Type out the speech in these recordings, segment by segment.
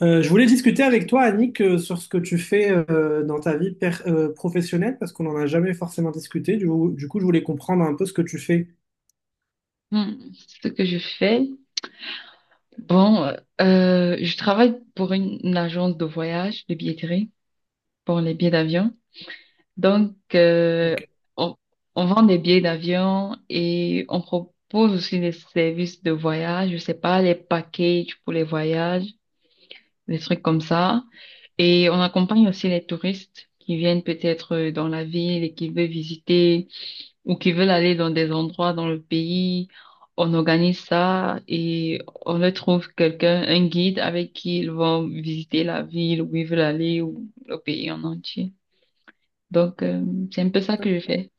Je voulais discuter avec toi, Annick, sur ce que tu fais dans ta vie professionnelle, parce qu'on n'en a jamais forcément discuté. Du coup, je voulais comprendre un peu ce que tu fais. Hmm, ce que je fais, bon, je travaille pour une agence de voyage, de billetterie, pour les billets d'avion. Donc, Ok. on, on vend des billets d'avion et on propose aussi des services de voyage, je sais pas, les packages pour les voyages, des trucs comme ça. Et on accompagne aussi les touristes qui viennent peut-être dans la ville et qui veulent visiter ou qui veulent aller dans des endroits dans le pays, on organise ça et on leur trouve quelqu'un, un guide avec qui ils vont visiter la ville où ils veulent aller ou le pays en entier. Donc, c'est un peu ça que je fais.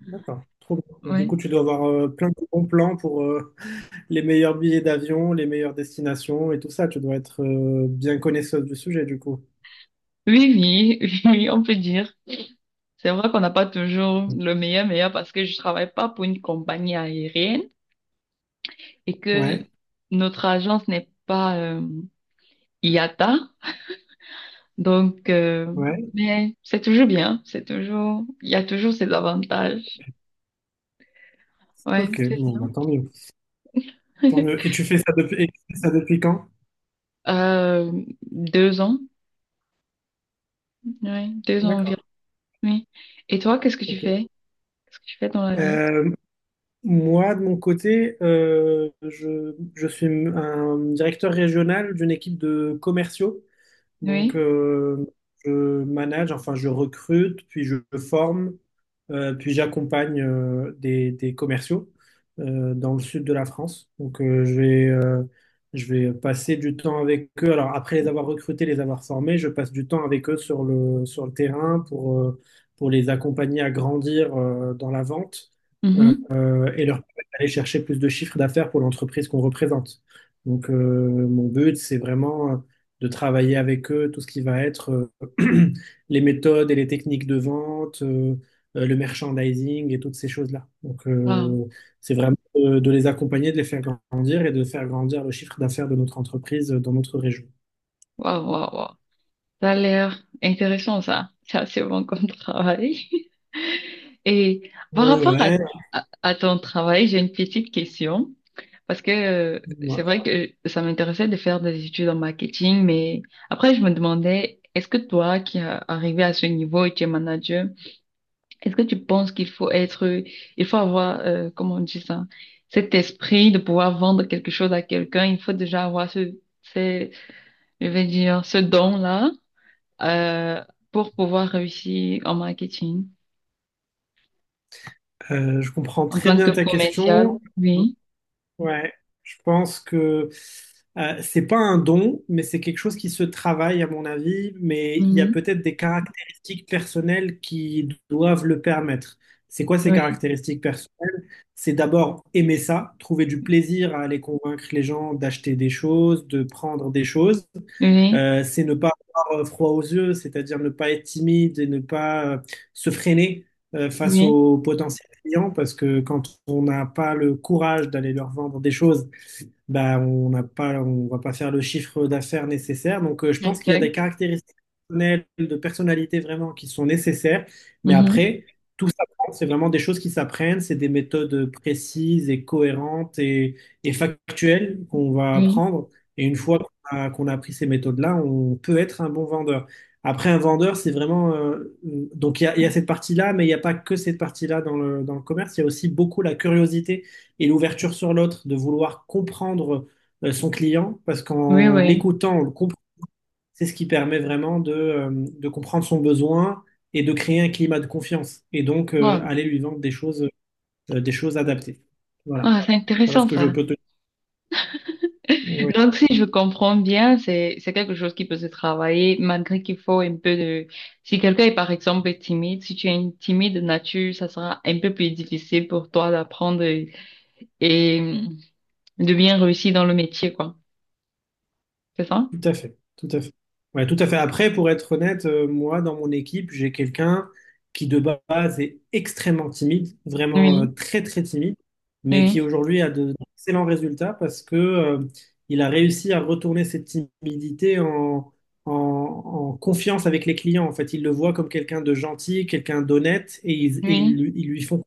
D'accord. Trop bien. Du Ouais. coup, tu dois avoir plein de bons plans pour les meilleurs billets d'avion, les meilleures destinations et tout ça. Tu dois être bien connaisseuse du sujet, du coup. Oui, oui, oui, on peut dire. C'est vrai qu'on n'a pas toujours le meilleur meilleur parce que je travaille pas pour une compagnie aérienne et que Ouais, notre agence n'est pas IATA. Donc, ouais. mais c'est toujours bien, c'est toujours, il y a toujours ses avantages. Ouais, Ok, c'est bon, ça. bah, tant mieux. Tant mieux. Et tu fais ça depuis, et tu fais ça depuis quand? Euh, deux ans, ouais, deux ans D'accord. environ. Oui. Et toi, qu'est-ce que tu Ok. fais? Qu'est-ce que tu fais dans la vie? Euh, Moi, de mon côté, je suis un directeur régional d'une équipe de commerciaux. Donc, Oui. Je manage, enfin, je recrute, puis je forme, puis j'accompagne des commerciaux dans le sud de la France. Donc, je vais passer du temps avec eux. Alors, après les avoir recrutés, les avoir formés, je passe du temps avec eux sur le terrain pour les accompagner à grandir dans la vente euh, Mhm. Et leur permettre d'aller chercher plus de chiffres d'affaires pour l'entreprise qu'on représente. Donc, mon but, c'est vraiment de travailler avec eux tout ce qui va être euh, les méthodes et les techniques de vente, le merchandising et toutes ces choses-là. Donc, Waouh, c'est vraiment de les accompagner, de les faire grandir et de faire grandir le chiffre d'affaires de notre entreprise dans notre région. waouh, waouh, waouh. Ça a l'air intéressant, ça. C'est assez bon comme travail. Et par Ouais, rapport ouais, à ton travail, j'ai une petite question. Parce que c'est ouais. vrai que ça m'intéressait de faire des études en marketing, mais après je me demandais, est-ce que toi qui es arrivé à ce niveau et tu es manager, est-ce que tu penses qu'il faut être, il faut avoir, comment on dit ça, cet esprit de pouvoir vendre quelque chose à quelqu'un, il faut déjà avoir ce- je vais dire, ce don-là euh, pour pouvoir réussir en marketing, Je comprends en très tant que bien ta commercial, question. oui, Ouais, je pense que c'est pas un don, mais c'est quelque chose qui se travaille à mon avis, mais il y a Mhm. peut-être des caractéristiques personnelles qui doivent le permettre. C'est quoi ces oui, caractéristiques personnelles? C'est d'abord aimer ça, trouver du plaisir à aller convaincre les gens d'acheter des choses, de prendre des choses. oui, C'est ne pas avoir froid aux yeux, c'est-à-dire ne pas être timide et ne pas se freiner face oui, aux potentialités clients, parce que quand on n'a pas le courage d'aller leur vendre des choses, bah, on n'a pas, on va pas faire le chiffre d'affaires nécessaire. Donc, je pense qu'il y a des exact, caractéristiques personnelles, de personnalité vraiment qui sont nécessaires. Mais Mhm. après, tout s'apprend. C'est vraiment des choses qui s'apprennent. C'est des méthodes précises et cohérentes et factuelles qu'on va oui, apprendre. Et une fois qu'on a, qu'on a appris ces méthodes-là, on peut être un bon vendeur. Après, un vendeur, c'est vraiment... donc, il y a cette partie-là, mais il n'y a pas que cette partie-là dans le commerce. Il y a aussi beaucoup la curiosité et l'ouverture sur l'autre, de vouloir comprendre son client, parce oui, qu'en oui. l'écoutant, on le comprend. C'est ce qui permet vraiment de comprendre son besoin et de créer un climat de confiance. Et donc, Wow. aller lui vendre des choses adaptées. Voilà. Ah, c'est Voilà ce intéressant que je ça. peux te dire. Donc, si je comprends bien, c'est quelque chose qui peut se travailler malgré qu'il faut un peu de... Si quelqu'un est par exemple timide, si tu es une timide de nature, ça sera un peu plus difficile pour toi d'apprendre et de bien réussir dans le métier, quoi. C'est ça? Tout à fait, tout à fait. Ouais, tout à fait. Après, pour être honnête, moi, dans mon équipe, j'ai quelqu'un qui de base est extrêmement timide, vraiment Oui, très très timide, mais qui oui, aujourd'hui a d'excellents résultats parce que il a réussi à retourner cette timidité en confiance avec les clients. En fait, il le voit comme quelqu'un de gentil, quelqu'un d'honnête, et ils, et ils oui, lui ils lui font,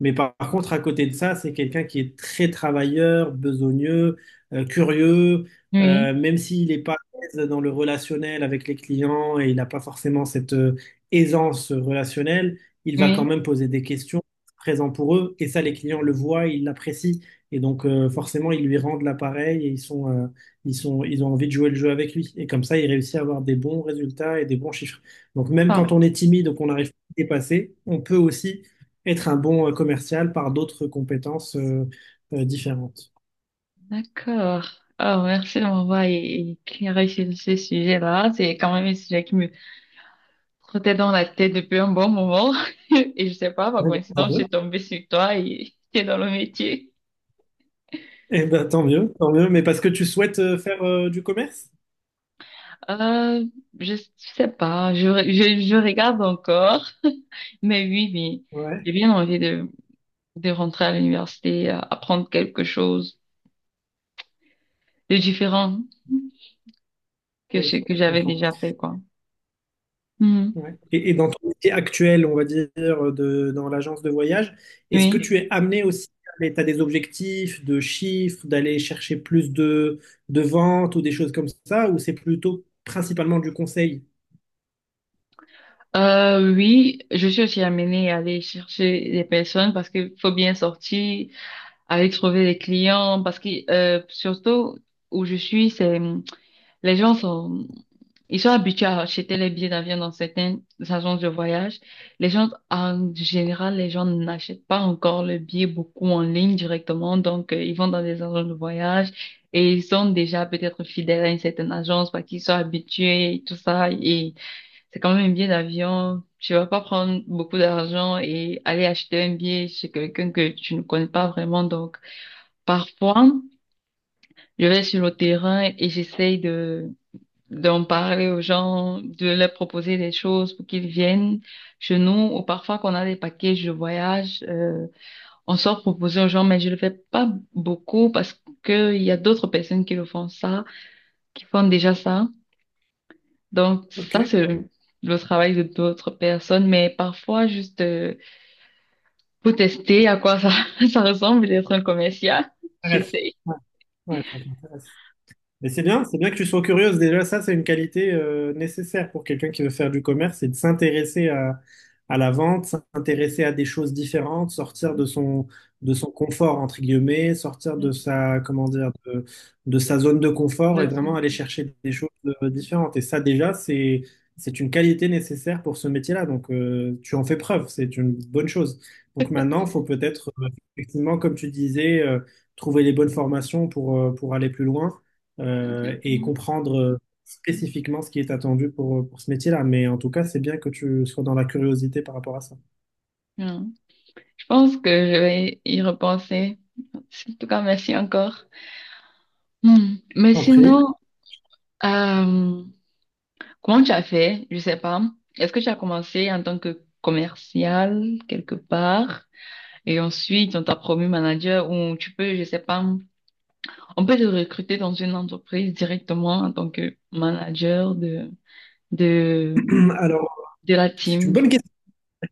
mais par contre, à côté de ça, c'est quelqu'un qui est très travailleur, besogneux, curieux, oui, même s'il n'est pas à l'aise dans le relationnel avec les clients et il n'a pas forcément cette aisance relationnelle, il va quand oui. même poser des questions, présent pour eux. Et ça, les clients le voient, ils l'apprécient. Et donc, forcément, ils lui rendent l'appareil et ils sont, ils sont, ils ont envie de jouer le jeu avec lui. Et comme ça, il réussit à avoir des bons résultats et des bons chiffres. Donc, même quand on Ah, est timide ou qu'on n'arrive pas à dépasser, on peut aussi être un bon commercial par d'autres compétences différentes. d'accord. Ah, merci de m'avoir éclairé sur ce sujet-là. C'est quand même un sujet qui me trottait dans la tête depuis un bon moment. Et je sais pas, Eh par ben, tant coïncidence, j'ai mieux. tombé sur toi et t'es dans le métier. Eh ben, tant mieux, tant mieux. Mais parce que tu souhaites faire du commerce? Euh, je sais pas, je regarde encore, mais oui, oui, Ouais, j'ai bien envie de rentrer à l'université, apprendre quelque chose de différent que ce oui, que je j'avais comprends. déjà fait, quoi. Mhm. Ouais. Et dans ton métier actuel, on va dire, de, dans l'agence de voyage, est-ce que Oui. tu es amené aussi, tu as des objectifs de chiffres, d'aller chercher plus de ventes ou des choses comme ça, ou c'est plutôt principalement du conseil? Oui, je suis aussi amenée à aller chercher des personnes parce qu'il faut bien sortir, avec trouver des clients parce que surtout où je suis c'est les gens sont ils sont habitués à acheter les billets d'avion dans certaines agences de voyage, les gens en général les gens n'achètent pas encore le billet beaucoup en ligne directement, donc ils vont dans des agences de voyage et ils sont déjà peut-être fidèles à une certaine agence parce qu'ils sont habitués et tout ça et c'est quand même un billet d'avion. Tu vas pas prendre beaucoup d'argent et aller acheter un billet chez quelqu'un que tu ne connais pas vraiment, donc parfois, je vais sur le terrain et j'essaye de d'en parler aux gens, de leur proposer des choses pour qu'ils viennent chez nous. Ou parfois, qu'on a des packages de voyage, on sort proposer aux gens, mais je le fais pas beaucoup parce qu'il y a d'autres personnes qui le font ça, qui font déjà ça. Donc, Ok. ça, c'est le travail de d'autres personnes. Mais parfois, juste pour tester à quoi ça, ça ressemble d'être un commercial, Ça reste. j'essaye. Ouais, ouais, ça m'intéresse. Mais c'est bien que tu sois curieuse. Déjà, ça, c'est une qualité nécessaire pour quelqu'un qui veut faire du commerce, c'est de s'intéresser à la vente, s'intéresser à des choses différentes, sortir de son confort, entre guillemets, sortir de Mm, sa, comment dire, de sa zone de confort je et vraiment sais. aller chercher des choses différentes. Et ça, déjà, c'est une qualité nécessaire pour ce métier-là. Donc, tu en fais preuve, c'est une bonne chose. Donc maintenant, il faut peut-être, effectivement, comme tu disais, trouver les bonnes formations pour aller plus loin et Exactement. comprendre spécifiquement ce qui est attendu pour ce métier-là. Mais en tout cas, c'est bien que tu sois dans la curiosité par rapport à ça. Ouais, pense que je vais y repenser. En tout cas, merci encore. Hmm. Mais T'en prie. sinon, euh, comment tu as fait? Je sais pas. Est-ce que tu as commencé en tant que commercial quelque part et ensuite on t'a promu manager ou tu peux, je sais pas, on peut te recruter dans une entreprise directement en tant que manager de de Alors, de la c'est une team. bonne question.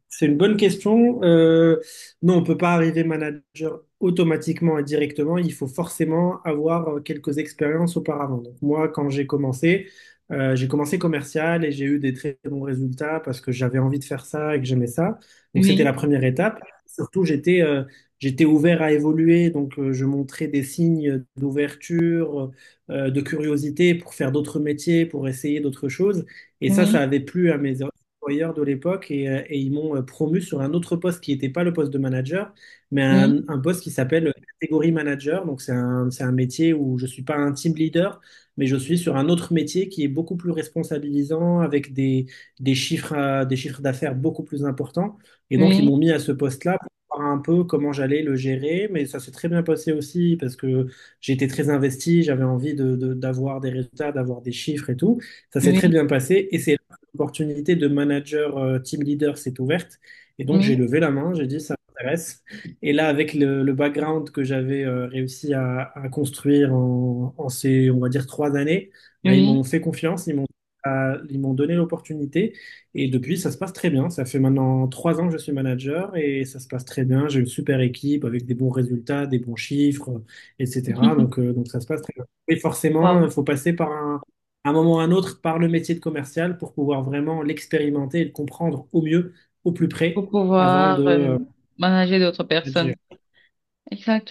C'est une bonne question. Non, on peut pas arriver manager automatiquement et directement. Il faut forcément avoir quelques expériences auparavant. Donc, moi, quand j'ai commencé commercial et j'ai eu des très bons résultats parce que j'avais envie de faire ça et que j'aimais ça. Donc, c'était la Oui, première étape. Surtout, j'étais ouvert à évoluer. Donc, je montrais des signes d'ouverture, de curiosité pour faire d'autres métiers, pour essayer d'autres choses. Et ça oui, avait plu à mes, employeur de l'époque et ils m'ont promu sur un autre poste qui n'était pas le poste de manager, mais un, oui, un poste qui s'appelle catégorie manager. Donc c'est un métier où je ne suis pas un team leader, mais je suis sur un autre métier qui est beaucoup plus responsabilisant, avec des chiffres, des chiffres d'affaires beaucoup plus importants. Et donc ils oui, m'ont mis à ce poste-là, pour voir un peu comment j'allais le gérer, mais ça s'est très bien passé aussi parce que j'étais très investi, j'avais envie d'avoir des résultats, d'avoir des chiffres et tout. Ça s'est oui, très bien passé et c'est opportunité de manager team leader s'est ouverte. Et donc, oui, j'ai levé la main, j'ai dit, ça m'intéresse. Et là, avec le background que j'avais réussi à construire en ces, on va dire, 3 années, bah, ils m'ont oui. fait confiance, ils m'ont ils m'ont donné l'opportunité. Et depuis, ça se passe très bien. Ça fait maintenant 3 ans que je suis manager et ça se passe très bien. J'ai une super équipe avec des bons résultats, des bons chiffres, etc. Donc ça se passe très bien. Et forcément, il Wow. faut passer par un, à un moment ou à un autre par le métier de commercial pour pouvoir vraiment l'expérimenter et le comprendre au mieux, au plus Pour près, avant de pouvoir manager d'autres manager. personnes.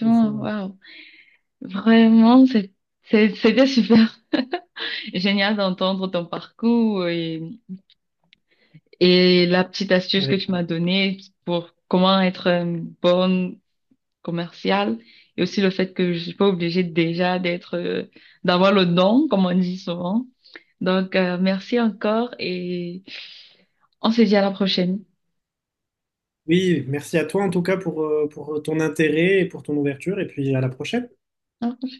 Donc, waouh. Vraiment, c'était super génial d'entendre ton parcours et la petite astuce que avec- tu m'as donnée pour comment être une bonne commerciale et aussi le fait que je suis pas obligée déjà d'être, d'avoir le don, comme on dit souvent. Donc, merci encore et on se dit à la prochaine. oui, merci à toi en tout cas pour ton intérêt et pour ton ouverture, et puis à la prochaine. Ok.